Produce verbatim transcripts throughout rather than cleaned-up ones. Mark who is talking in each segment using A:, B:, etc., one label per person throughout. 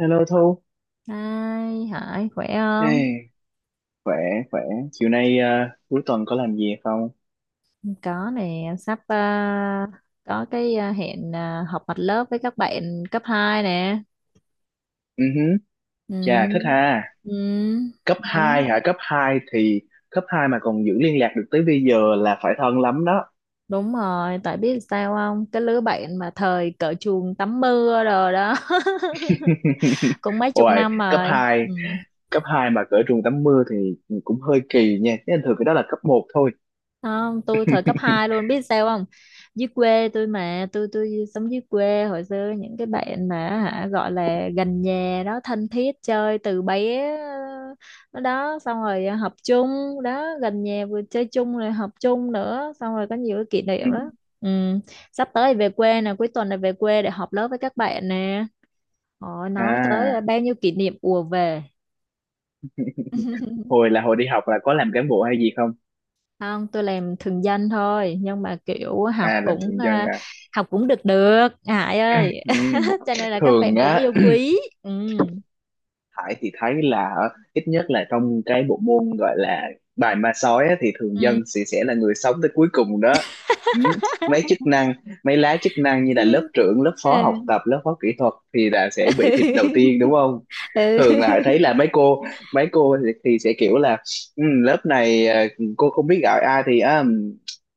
A: Hello Thu,
B: Hai Hải khỏe không?
A: hey, khỏe khỏe. Chiều nay ờ, cuối tuần có làm gì không?
B: Có nè, em sắp à, có cái à, hẹn à, họp mặt lớp với các bạn cấp hai nè.
A: Ừ huh. Chà thích
B: Ừ.
A: ha.
B: Ừ.
A: Cấp
B: Đó.
A: hai hả? Cấp hai thì cấp hai mà còn giữ liên lạc được tới bây giờ là phải thân lắm đó.
B: Đúng rồi, tại biết sao không? Cái lứa bạn mà thời cởi chuồng tắm mưa rồi đó. Cũng mấy chục
A: Ôi,
B: năm
A: cấp
B: rồi.
A: hai
B: Ừ.
A: cấp hai mà cỡ trường tắm mưa thì cũng hơi kỳ nha. Chứ thường cái đó là cấp một thôi.
B: Không tôi thời cấp hai luôn biết sao không, dưới quê tôi mà tôi tôi sống dưới quê hồi xưa những cái bạn mà hả gọi là gần nhà đó thân thiết chơi từ bé, nó đó xong rồi học chung đó, gần nhà vừa chơi chung rồi học chung nữa, xong rồi có nhiều cái kỷ
A: Ừ.
B: niệm đó. Ừ. Sắp tới về quê nè, cuối tuần này về quê để họp lớp với các bạn nè, họ nói tới
A: À,
B: bao nhiêu kỷ niệm ùa về.
A: hồi là hồi đi học là có làm cán bộ hay gì không?
B: Không tôi làm thường danh thôi, nhưng mà kiểu học
A: À, làm
B: cũng
A: thường dân
B: à,
A: à.
B: học cũng được được Hải ơi,
A: Ừ.
B: cho nên là các
A: Thường
B: bạn cũng
A: á,
B: yêu quý. Ừ.
A: Hải thì thấy là ở- ít nhất là trong cái bộ môn gọi là bài ma sói á, thì thường
B: Ừ.
A: dân sẽ sẽ là người sống tới cuối cùng đó. Ừ. mấy chức năng Mấy lá chức năng như là lớp
B: Ừ.
A: trưởng, lớp phó học tập, lớp phó kỹ thuật thì là sẽ bị thịt đầu tiên đúng không?
B: Ừ.
A: Thường là Hải thấy là mấy cô mấy cô thì, thì sẽ kiểu là "Ừ, lớp này ờ, cô không biết gọi ai thì à,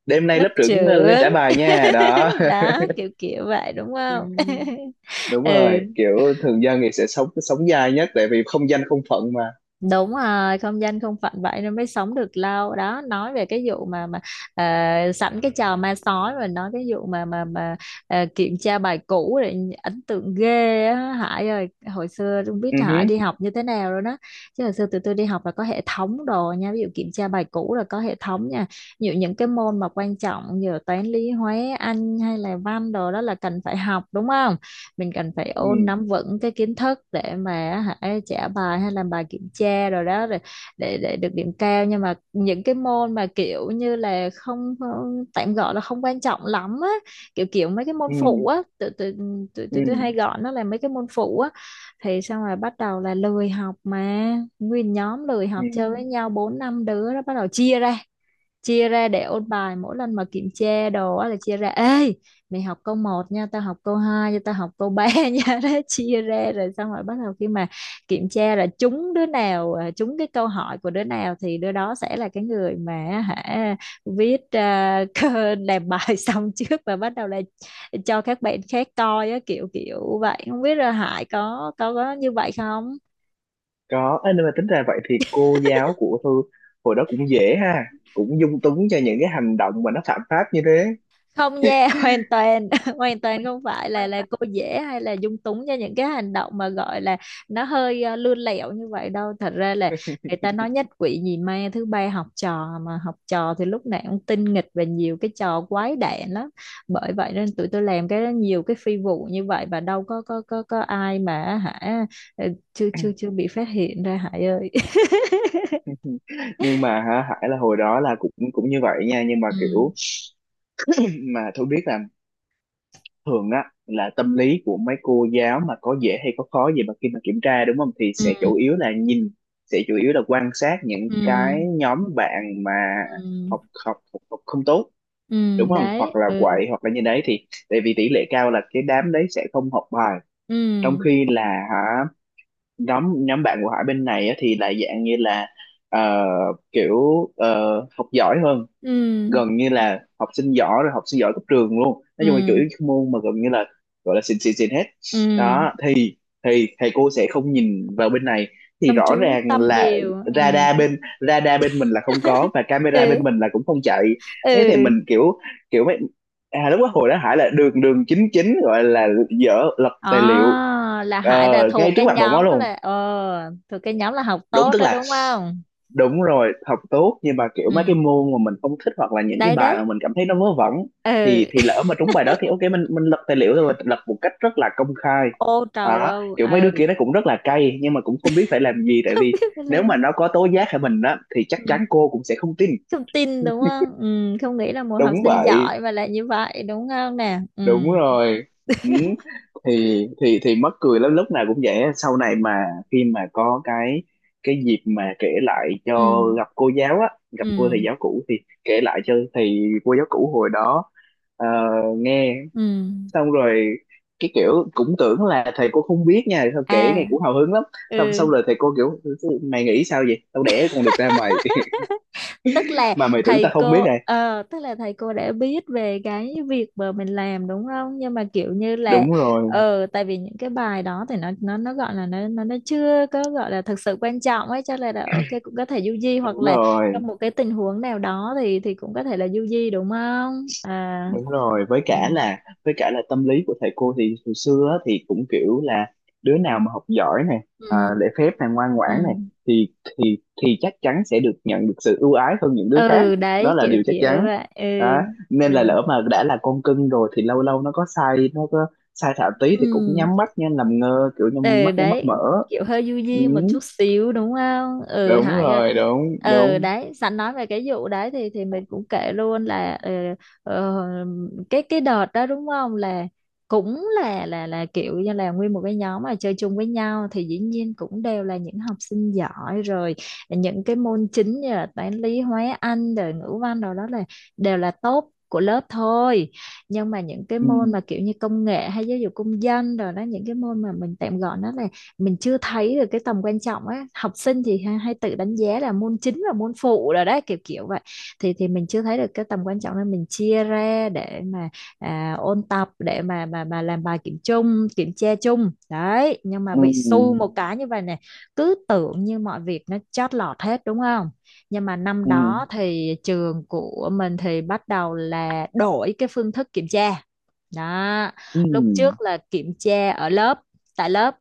A: đêm nay
B: Lớp
A: lớp trưởng lên
B: trưởng
A: trả bài nha." Đó.
B: đó kiểu kiểu vậy đúng
A: Ừ,
B: không.
A: đúng
B: Ừ.
A: rồi, kiểu thường dân thì sẽ sống sống dai nhất tại vì không danh không phận mà.
B: Đúng rồi, không danh không phận vậy nên mới sống được lâu đó. Nói về cái vụ mà mà ờ, sẵn cái trò ma sói rồi nói cái vụ mà mà mà ờ, kiểm tra bài cũ để ấn tượng ghê á Hải ơi, hồi xưa không biết
A: Ừ
B: Hải
A: hứ.
B: đi học như thế nào rồi đó. Chứ hồi xưa tụi tôi đi học là có hệ thống đồ nha, ví dụ kiểm tra bài cũ là có hệ thống nha. Ví dụ những cái môn mà quan trọng như là toán lý hóa Anh hay là văn đồ đó là cần phải học đúng không, mình cần phải
A: Ừ.
B: ôn nắm vững cái kiến thức để mà hãy trả bài hay làm bài kiểm tra rồi đó rồi để để được điểm cao. Nhưng mà những cái môn mà kiểu như là không không- tạm gọi là không quan trọng lắm á, kiểu kiểu mấy cái môn
A: Ừ.
B: phụ á, tụi tụi tụi
A: Ừ.
B: tụi tôi hay gọi nó là mấy cái môn phụ á, thì xong rồi bắt đầu là lười học mà. Nguyên nhóm lười
A: Ừ.
B: học chơi với nhau bốn năm đứa đó bắt đầu chia ra, chia ra để ôn bài. Mỗi lần mà kiểm tra đồ á là chia ra, ê mày học câu một nha, tao học câu hai nha, tao học câu ba nha, đó chia ra. Rồi xong rồi bắt đầu khi mà kiểm tra là trúng đứa nào à, trúng cái câu hỏi của đứa nào thì đứa đó sẽ là cái người mà hả viết à, cơ- làm bài xong trước và bắt đầu là cho các bạn khác coi á, kiểu kiểu vậy. Không biết là Hải có có có như vậy không.
A: Có. Ê, nhưng mà tính ra vậy thì cô giáo của Thư hồi đó cũng dễ ha, cũng dung túng cho những cái hành động mà nó phạm pháp như thế.
B: Không nha, hoàn toàn hoàn toàn không phải là là cô dễ hay là dung túng cho những cái hành động mà gọi là nó hơi ờ, lươn lẹo như vậy đâu. Thật ra là người ta nói nhất quỷ nhì ma thứ ba học trò mà, học trò thì lúc nào cũng tinh nghịch và nhiều cái trò quái đản lắm. Bởi vậy nên tụi tôi làm cái nhiều cái phi vụ như vậy và đâu có có có có ai mà hả ờ, chưa
A: Dạ.
B: chưa chưa bị phát hiện ra Hải ơi.
A: Nhưng mà hả, Hải là hồi đó là cũng cũng như vậy nha, nhưng mà
B: Ừ.
A: kiểu mà tôi biết là thường á là tâm lý của mấy cô giáo mà có dễ hay có khó gì mà khi mà kiểm tra, đúng không, thì
B: Ừ.
A: sẽ chủ yếu là nhìn, sẽ chủ yếu là quan sát những
B: Ừ.
A: cái nhóm bạn mà
B: Ừ.
A: học học học, học không tốt,
B: Ừ
A: đúng không, hoặc
B: đấy.
A: là
B: Ừ.
A: quậy hoặc là như đấy, thì tại vì tỷ lệ cao là cái đám đấy sẽ không học bài, trong
B: Ừ.
A: khi là, hả, nhóm nhóm bạn của Hải bên này á, thì lại dạng như là ờ, kiểu ờ, học giỏi hơn,
B: Ừ.
A: gần như là học sinh giỏi rồi, học sinh giỏi cấp trường luôn, nói
B: Ừ.
A: chung là chủ yếu cái môn mà gần như là gọi là xịn xịn xịn hết.
B: Ừ
A: Đó thì thì thầy cô sẽ không nhìn vào bên này, thì
B: không
A: rõ
B: chú
A: ràng
B: tâm
A: là
B: nhiều. Ừ.
A: radar bên radar bên mình là không có và camera bên
B: Ừ.
A: mình là cũng không chạy. Thế thì
B: Ừ.
A: mình kiểu, kiểu mấy, à, lúc đó hồi đó Hải là đường đường chính chính gọi là dở lật tài liệu
B: À, là
A: ờ,
B: Hải là
A: ngay
B: thuộc
A: trước
B: cái
A: mặt bọn nó
B: nhóm
A: luôn.
B: là ờ thuộc cái nhóm là học
A: Đúng,
B: tốt
A: tức
B: đó
A: là
B: đúng không.
A: đúng rồi học tốt nhưng mà kiểu
B: Ừ
A: mấy cái môn mà mình không thích hoặc là những cái
B: đấy
A: bài
B: đấy.
A: mà mình cảm thấy nó vớ vẩn
B: Ừ.
A: thì thì lỡ mà trúng bài đó thì ok mình mình lật tài liệu rồi, lật một cách rất là công khai.
B: Ô trầu
A: Đó,
B: âu
A: kiểu mấy đứa
B: ừ.
A: kia nó cũng rất là cay nhưng mà cũng không biết phải làm gì tại
B: Không
A: vì
B: biết phải
A: nếu mà
B: lên.
A: nó có tố giác hay mình á thì chắc
B: Ừ.
A: chắn cô cũng sẽ không tin.
B: Không tin đúng không. Ừ. Không nghĩ là một học
A: Đúng
B: sinh
A: vậy,
B: giỏi mà lại như vậy đúng không nè. Ừ.
A: đúng rồi. Ừ. thì thì thì mắc cười lắm, lúc nào cũng vậy á. Sau này mà khi mà có cái cái dịp mà kể lại cho
B: Ừ.
A: gặp cô giáo á, gặp cô
B: Ừ.
A: thầy giáo cũ thì kể lại cho thầy cô giáo cũ hồi đó ờ, nghe,
B: Ừ.
A: xong rồi cái kiểu cũng tưởng là thầy cô không biết nha, sao kể nghe
B: À.
A: cũng hào hứng lắm. Xong
B: Ừ
A: Xong rồi thầy cô kiểu "mày nghĩ sao vậy, tao đẻ con được ra mày
B: tức là
A: mà mày tưởng tao
B: thầy
A: không biết
B: cô
A: này."
B: ờ, tức là thầy cô đã biết về cái việc mà mình làm đúng không, nhưng mà kiểu như là
A: Đúng rồi,
B: ờ tại vì những cái bài đó thì nó nó nó gọi là nó nó nó chưa có gọi là thực sự quan trọng ấy, cho nên là ok cũng có thể du di, hoặc
A: đúng
B: là trong
A: rồi,
B: một cái tình huống nào đó thì thì cũng có thể là du di đúng không. À.
A: đúng rồi, với
B: Ừ.
A: cả là với cả là tâm lý của thầy cô thì hồi xưa á, thì cũng kiểu là đứa nào mà học giỏi này,
B: Ừ.
A: à, lễ phép này, ngoan
B: Ừ.
A: ngoãn này thì thì thì chắc chắn sẽ được nhận được sự ưu ái hơn những đứa khác.
B: Ừ
A: Đó
B: đấy
A: là
B: kiểu
A: điều chắc
B: kiểu
A: chắn.
B: vậy. Ừ.
A: Đó.
B: Ừ.
A: Nên là lỡ mà đã là con cưng rồi thì lâu lâu nó có sai, nó có sai thảo tí thì cũng
B: Ừ.
A: nhắm mắt nha, làm ngơ, kiểu nhắm
B: Ừ
A: mắt, nhắm mắt
B: đấy,
A: mở.
B: kiểu hơi du
A: Ừ,
B: di một chút xíu đúng không, ừ
A: đúng
B: Hải ơi.
A: rồi, đúng
B: Ừ
A: đúng.
B: đấy, sẵn nói về cái vụ đấy thì thì mình cũng kể luôn là ờ, ờ, cái cái đợt đó đúng không, là cũng là là là kiểu như là nguyên một cái nhóm mà chơi chung với nhau thì dĩ nhiên cũng đều là những học sinh giỏi rồi. Những cái môn chính như là toán lý hóa anh rồi ngữ văn rồi đó là đều là top của lớp thôi. Nhưng mà những cái môn
A: Ừ.
B: mà kiểu như công nghệ hay giáo dục công dân rồi đó, những cái môn mà mình tạm gọi nó là mình chưa thấy được cái tầm quan trọng á, học sinh thì hay, hay tự đánh giá là môn chính và môn phụ rồi đấy kiểu kiểu vậy. thì thì mình chưa thấy được cái tầm quan trọng nên mình chia ra để mà à, ôn tập để mà mà mà làm bài kiểm chung kiểm tra chung đấy, nhưng mà
A: Ừ.
B: bị xu một cái như vậy này, cứ tưởng như mọi việc nó chót lọt hết đúng không. Nhưng mà năm
A: Ừ.
B: đó thì trường của mình thì bắt đầu là đổi cái phương thức kiểm tra đó.
A: Ừ.
B: Lúc trước là kiểm tra ở lớp, tại lớp,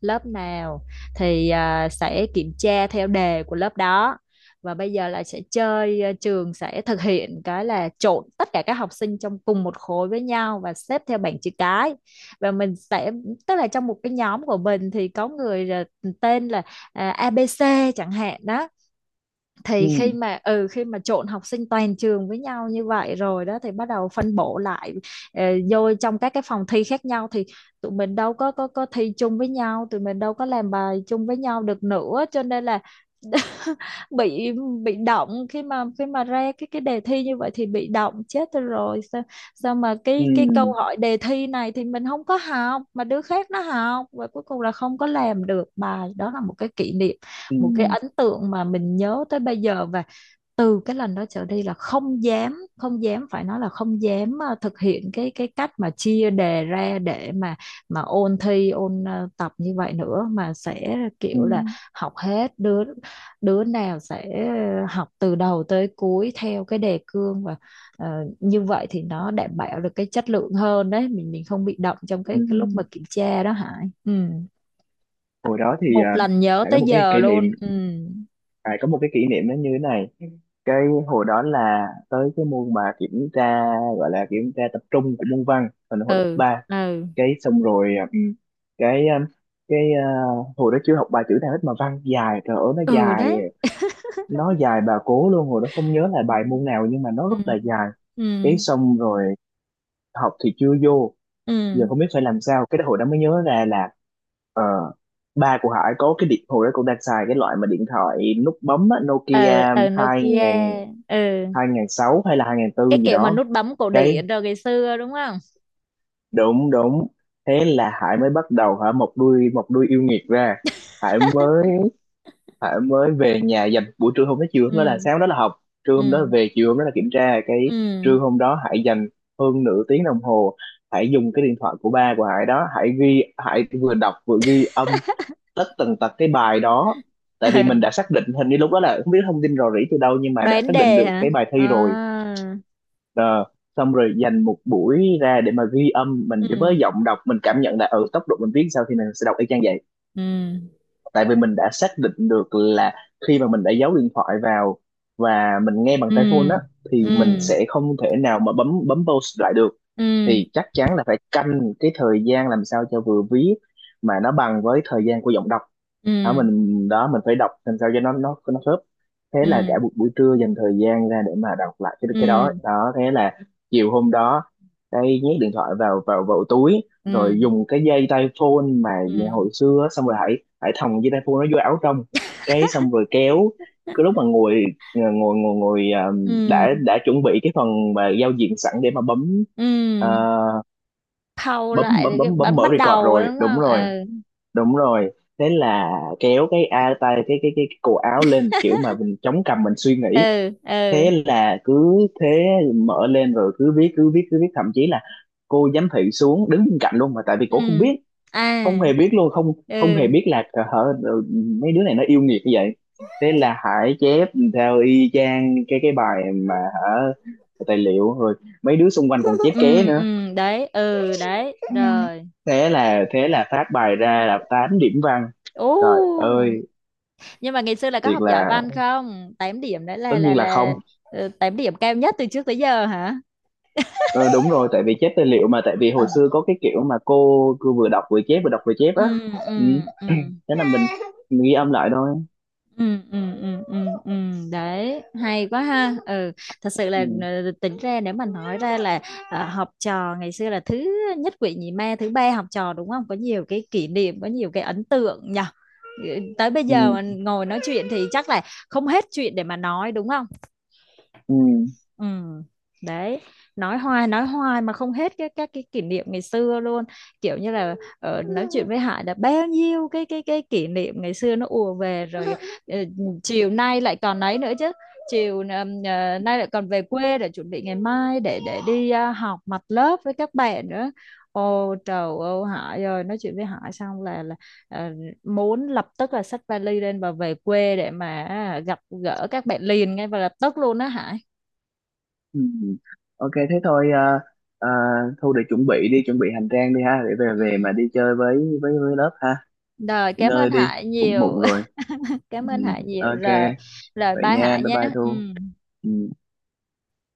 B: lớp nào thì à, sẽ kiểm tra theo đề của lớp đó. Và bây giờ là sẽ chơi à, trường sẽ thực hiện cái là trộn tất cả các học sinh trong cùng một khối với nhau và xếp theo bảng chữ cái. Và mình sẽ, tức là trong một cái nhóm của mình thì có người là tên là à, a bê xê chẳng hạn đó. Thì khi
A: Ừ.
B: mà ừ khi mà trộn học sinh toàn trường với nhau như vậy rồi đó thì bắt đầu phân bổ lại ờ, vô trong các cái phòng thi khác nhau. Thì tụi mình đâu có có có thi chung với nhau, tụi mình đâu có làm bài chung với nhau được nữa, cho nên là bị bị động khi mà khi mà ra cái cái đề thi như vậy thì bị động chết tôi rồi. Sao sao mà
A: Ừ.
B: cái cái câu
A: Ừ.
B: hỏi đề thi này thì mình không có học mà đứa khác nó học và cuối cùng là không có làm được bài. Đó là một cái kỷ niệm,
A: Ừ.
B: một cái ấn tượng mà mình nhớ tới bây giờ. Và từ cái lần đó trở đi là không dám, không dám, phải nói là không dám ờ, thực hiện cái cái cách mà chia đề ra để mà mà ôn thi ôn ờ, tập như vậy nữa, mà sẽ
A: Ừ.
B: kiểu
A: Ừ.
B: là học hết. Đứa đứa nào sẽ học từ đầu tới cuối theo cái đề cương và ờ, như vậy thì nó đảm bảo được cái chất lượng hơn đấy, mình mình không bị động trong cái,
A: Ừ.
B: cái lúc mà kiểm tra đó Hải. Ừ.
A: Hồi đó thì
B: Một
A: à,
B: lần nhớ
A: Hải có
B: tới
A: một cái
B: giờ
A: kỷ niệm,
B: luôn. Ừ.
A: Hải có một cái kỷ niệm nó như thế này. Cái hồi đó là tới cái môn mà kiểm tra, gọi là kiểm tra tập trung của môn văn hồi hồi lớp
B: Ừ.
A: ba.
B: Ừ.
A: Cái xong rồi à, ừ, cái à, cái à, Hồi đó chưa học bài chữ nào hết mà văn dài, trời ơi nó
B: Ừ
A: dài,
B: đấy.
A: nó dài bà cố luôn. Hồi đó không nhớ là bài môn nào nhưng mà nó rất
B: Ừ.
A: là dài.
B: Ừ.
A: Cái xong rồi học thì chưa vô, giờ
B: Ừ.
A: không biết phải làm sao. Cái đó hồi đó mới nhớ ra là ờ, ba của Hải có cái điện, hồi đó cũng đang xài cái loại mà điện thoại nút bấm á, Nokia
B: Ở ở
A: hai
B: Nokia.
A: ngàn
B: Ừ
A: hai ngàn sáu hay là hai ngàn tư
B: cái
A: gì
B: kiểu mà
A: đó.
B: nút bấm cổ điển
A: Cái
B: rồi ngày xưa đúng không.
A: đúng, đúng. Thế là Hải mới bắt đầu, hả, một đuôi một đuôi yêu nghiệt ra. Hải mới Hải mới về nhà, dành buổi trưa hôm đó, chiều hôm đó,
B: Ừ.
A: là sáng hôm đó là học, trưa
B: Ừ.
A: hôm đó là về, chiều hôm đó là kiểm tra. Cái
B: Ừ.
A: trưa hôm đó Hải dành hơn nửa tiếng đồng hồ, Hải dùng cái điện thoại của ba của Hải đó, Hải ghi, Hải vừa đọc vừa ghi âm tất tần tật cái bài đó. Tại vì mình đã
B: Ừ
A: xác định, hình như lúc đó là không biết thông tin rò rỉ từ đâu nhưng mà đã
B: đoán
A: xác định
B: đề
A: được
B: hả.
A: cái bài
B: À.
A: thi rồi. Ờ, xong rồi dành một buổi ra để mà ghi âm, mình với
B: Ừ.
A: giọng đọc mình cảm nhận là ở ừ, tốc độ mình viết sao thì mình sẽ đọc y chang vậy.
B: Ừ.
A: Tại vì mình đã xác định được là khi mà mình đã giấu điện thoại vào và mình nghe bằng
B: Ừ.
A: tai phone á thì
B: Ừ.
A: mình sẽ không thể nào mà bấm bấm pause lại được,
B: Ừ.
A: thì chắc chắn là phải canh cái thời gian làm sao cho vừa viết mà nó bằng với thời gian của giọng đọc.
B: Ừ.
A: Đó mình, đó mình phải đọc làm sao cho nó nó nó khớp. Thế là cả
B: Ừ.
A: một buổi trưa dành thời gian ra để mà đọc lại cái cái
B: Ừ.
A: đó. Đó thế là chiều hôm đó đây nhét điện thoại vào vào vào túi
B: Ừ.
A: rồi dùng cái dây tai phone mà về
B: Ừ.
A: hồi xưa á, xong rồi hãy hãy thòng dây tai phone nó vô áo trong. Cái xong rồi kéo cái lúc mà ngồi ờ, ngồi ngồi ngồi, à, đã
B: Ừ.
A: đã chuẩn bị cái phần mà giao diện sẵn để mà bấm, à,
B: Ừ khâu
A: bấm
B: lại
A: bấm
B: rồi cái
A: bấm bấm
B: bấm
A: mở
B: bắt
A: record
B: đầu
A: rồi,
B: đúng
A: đúng
B: không.
A: rồi,
B: Ừ.
A: đúng rồi. Thế là kéo cái a tay cái cái cái, cái cổ áo lên, kiểu mà mình chống cằm mình suy nghĩ.
B: Ừ. Ừ.
A: Thế là cứ thế mở lên rồi cứ viết cứ viết cứ viết, thậm chí là cô giám thị xuống đứng bên cạnh luôn mà, tại vì cổ không
B: Ừ.
A: biết, không
B: À.
A: hề biết luôn, không không hề
B: Ừ.
A: biết là hả ừ, mấy đứa này nó yêu nghiệt như vậy. Thế là Hải chép theo y chang cái cái bài mà, hả, tài liệu rồi, mấy đứa xung quanh còn chép ké
B: Ừ.
A: nữa.
B: Ừ. Đấy. Ừ đấy
A: Ừ.
B: rồi.
A: Thế là thế là phát bài ra là tám điểm văn, trời
B: Ô,
A: ơi!
B: nhưng mà ngày xưa là có
A: Thiệt
B: học giỏi
A: là,
B: văn không? Tám điểm đấy
A: tất
B: là là
A: nhiên là không.
B: là ờ, tám điểm cao nhất từ trước tới giờ hả.
A: Ờ, đúng rồi, tại vì chép tài liệu mà, tại vì hồi xưa có cái kiểu mà cô cứ vừa đọc vừa chép, vừa đọc vừa chép á.
B: Ừ.
A: Ừ,
B: Ừ. Ừ.
A: thế là mình, mình ghi âm lại thôi.
B: Ừ. Ừ. Ừ. Ừ. Ừ. Đấy hay quá ha. Ừ thật sự là
A: Ừ,
B: ờ, tính ra nếu mà nói ra là ờ, học trò ngày xưa là thứ nhất quỷ nhì ma thứ ba học trò đúng không, có nhiều cái kỷ niệm có nhiều cái ấn tượng nhỉ. Ừ, tới bây giờ mà
A: ừ,
B: ngồi nói chuyện thì chắc là không hết chuyện để mà nói đúng không.
A: ừ,
B: Ừ. Đấy, nói hoài nói hoài mà không hết cái các cái kỷ niệm ngày xưa luôn. Kiểu như là ờ, nói chuyện với Hải đã bao nhiêu cái cái cái kỷ niệm ngày xưa nó ùa về rồi, ờ, chiều nay lại còn ấy nữa chứ. Chiều ờ, ờ, nay lại còn về quê để chuẩn bị ngày mai để để đi ờ, học mặt lớp với các bạn nữa. Ô trời ơi Hải ơi, nói chuyện với Hải xong là là ờ, muốn lập tức là xách vali lên và về quê để mà à, gặp gỡ các bạn liền ngay và lập tức luôn đó Hải.
A: ừ. Ok thế thôi, à, à, Thu để chuẩn bị đi, chuẩn bị hành trang đi ha, để về
B: Ừ.
A: về mà đi chơi với với với lớp ha.
B: Rồi
A: Nghỉ
B: cảm
A: ngơi
B: ơn
A: đi,
B: Hải
A: cũng
B: nhiều.
A: muộn rồi. Ừ,
B: Cảm ơn Hải nhiều.
A: ok,
B: Rồi rồi
A: vậy
B: bye
A: nha,
B: Hải
A: bye
B: nhé.
A: bye
B: Ừ.
A: Thu. Ừ.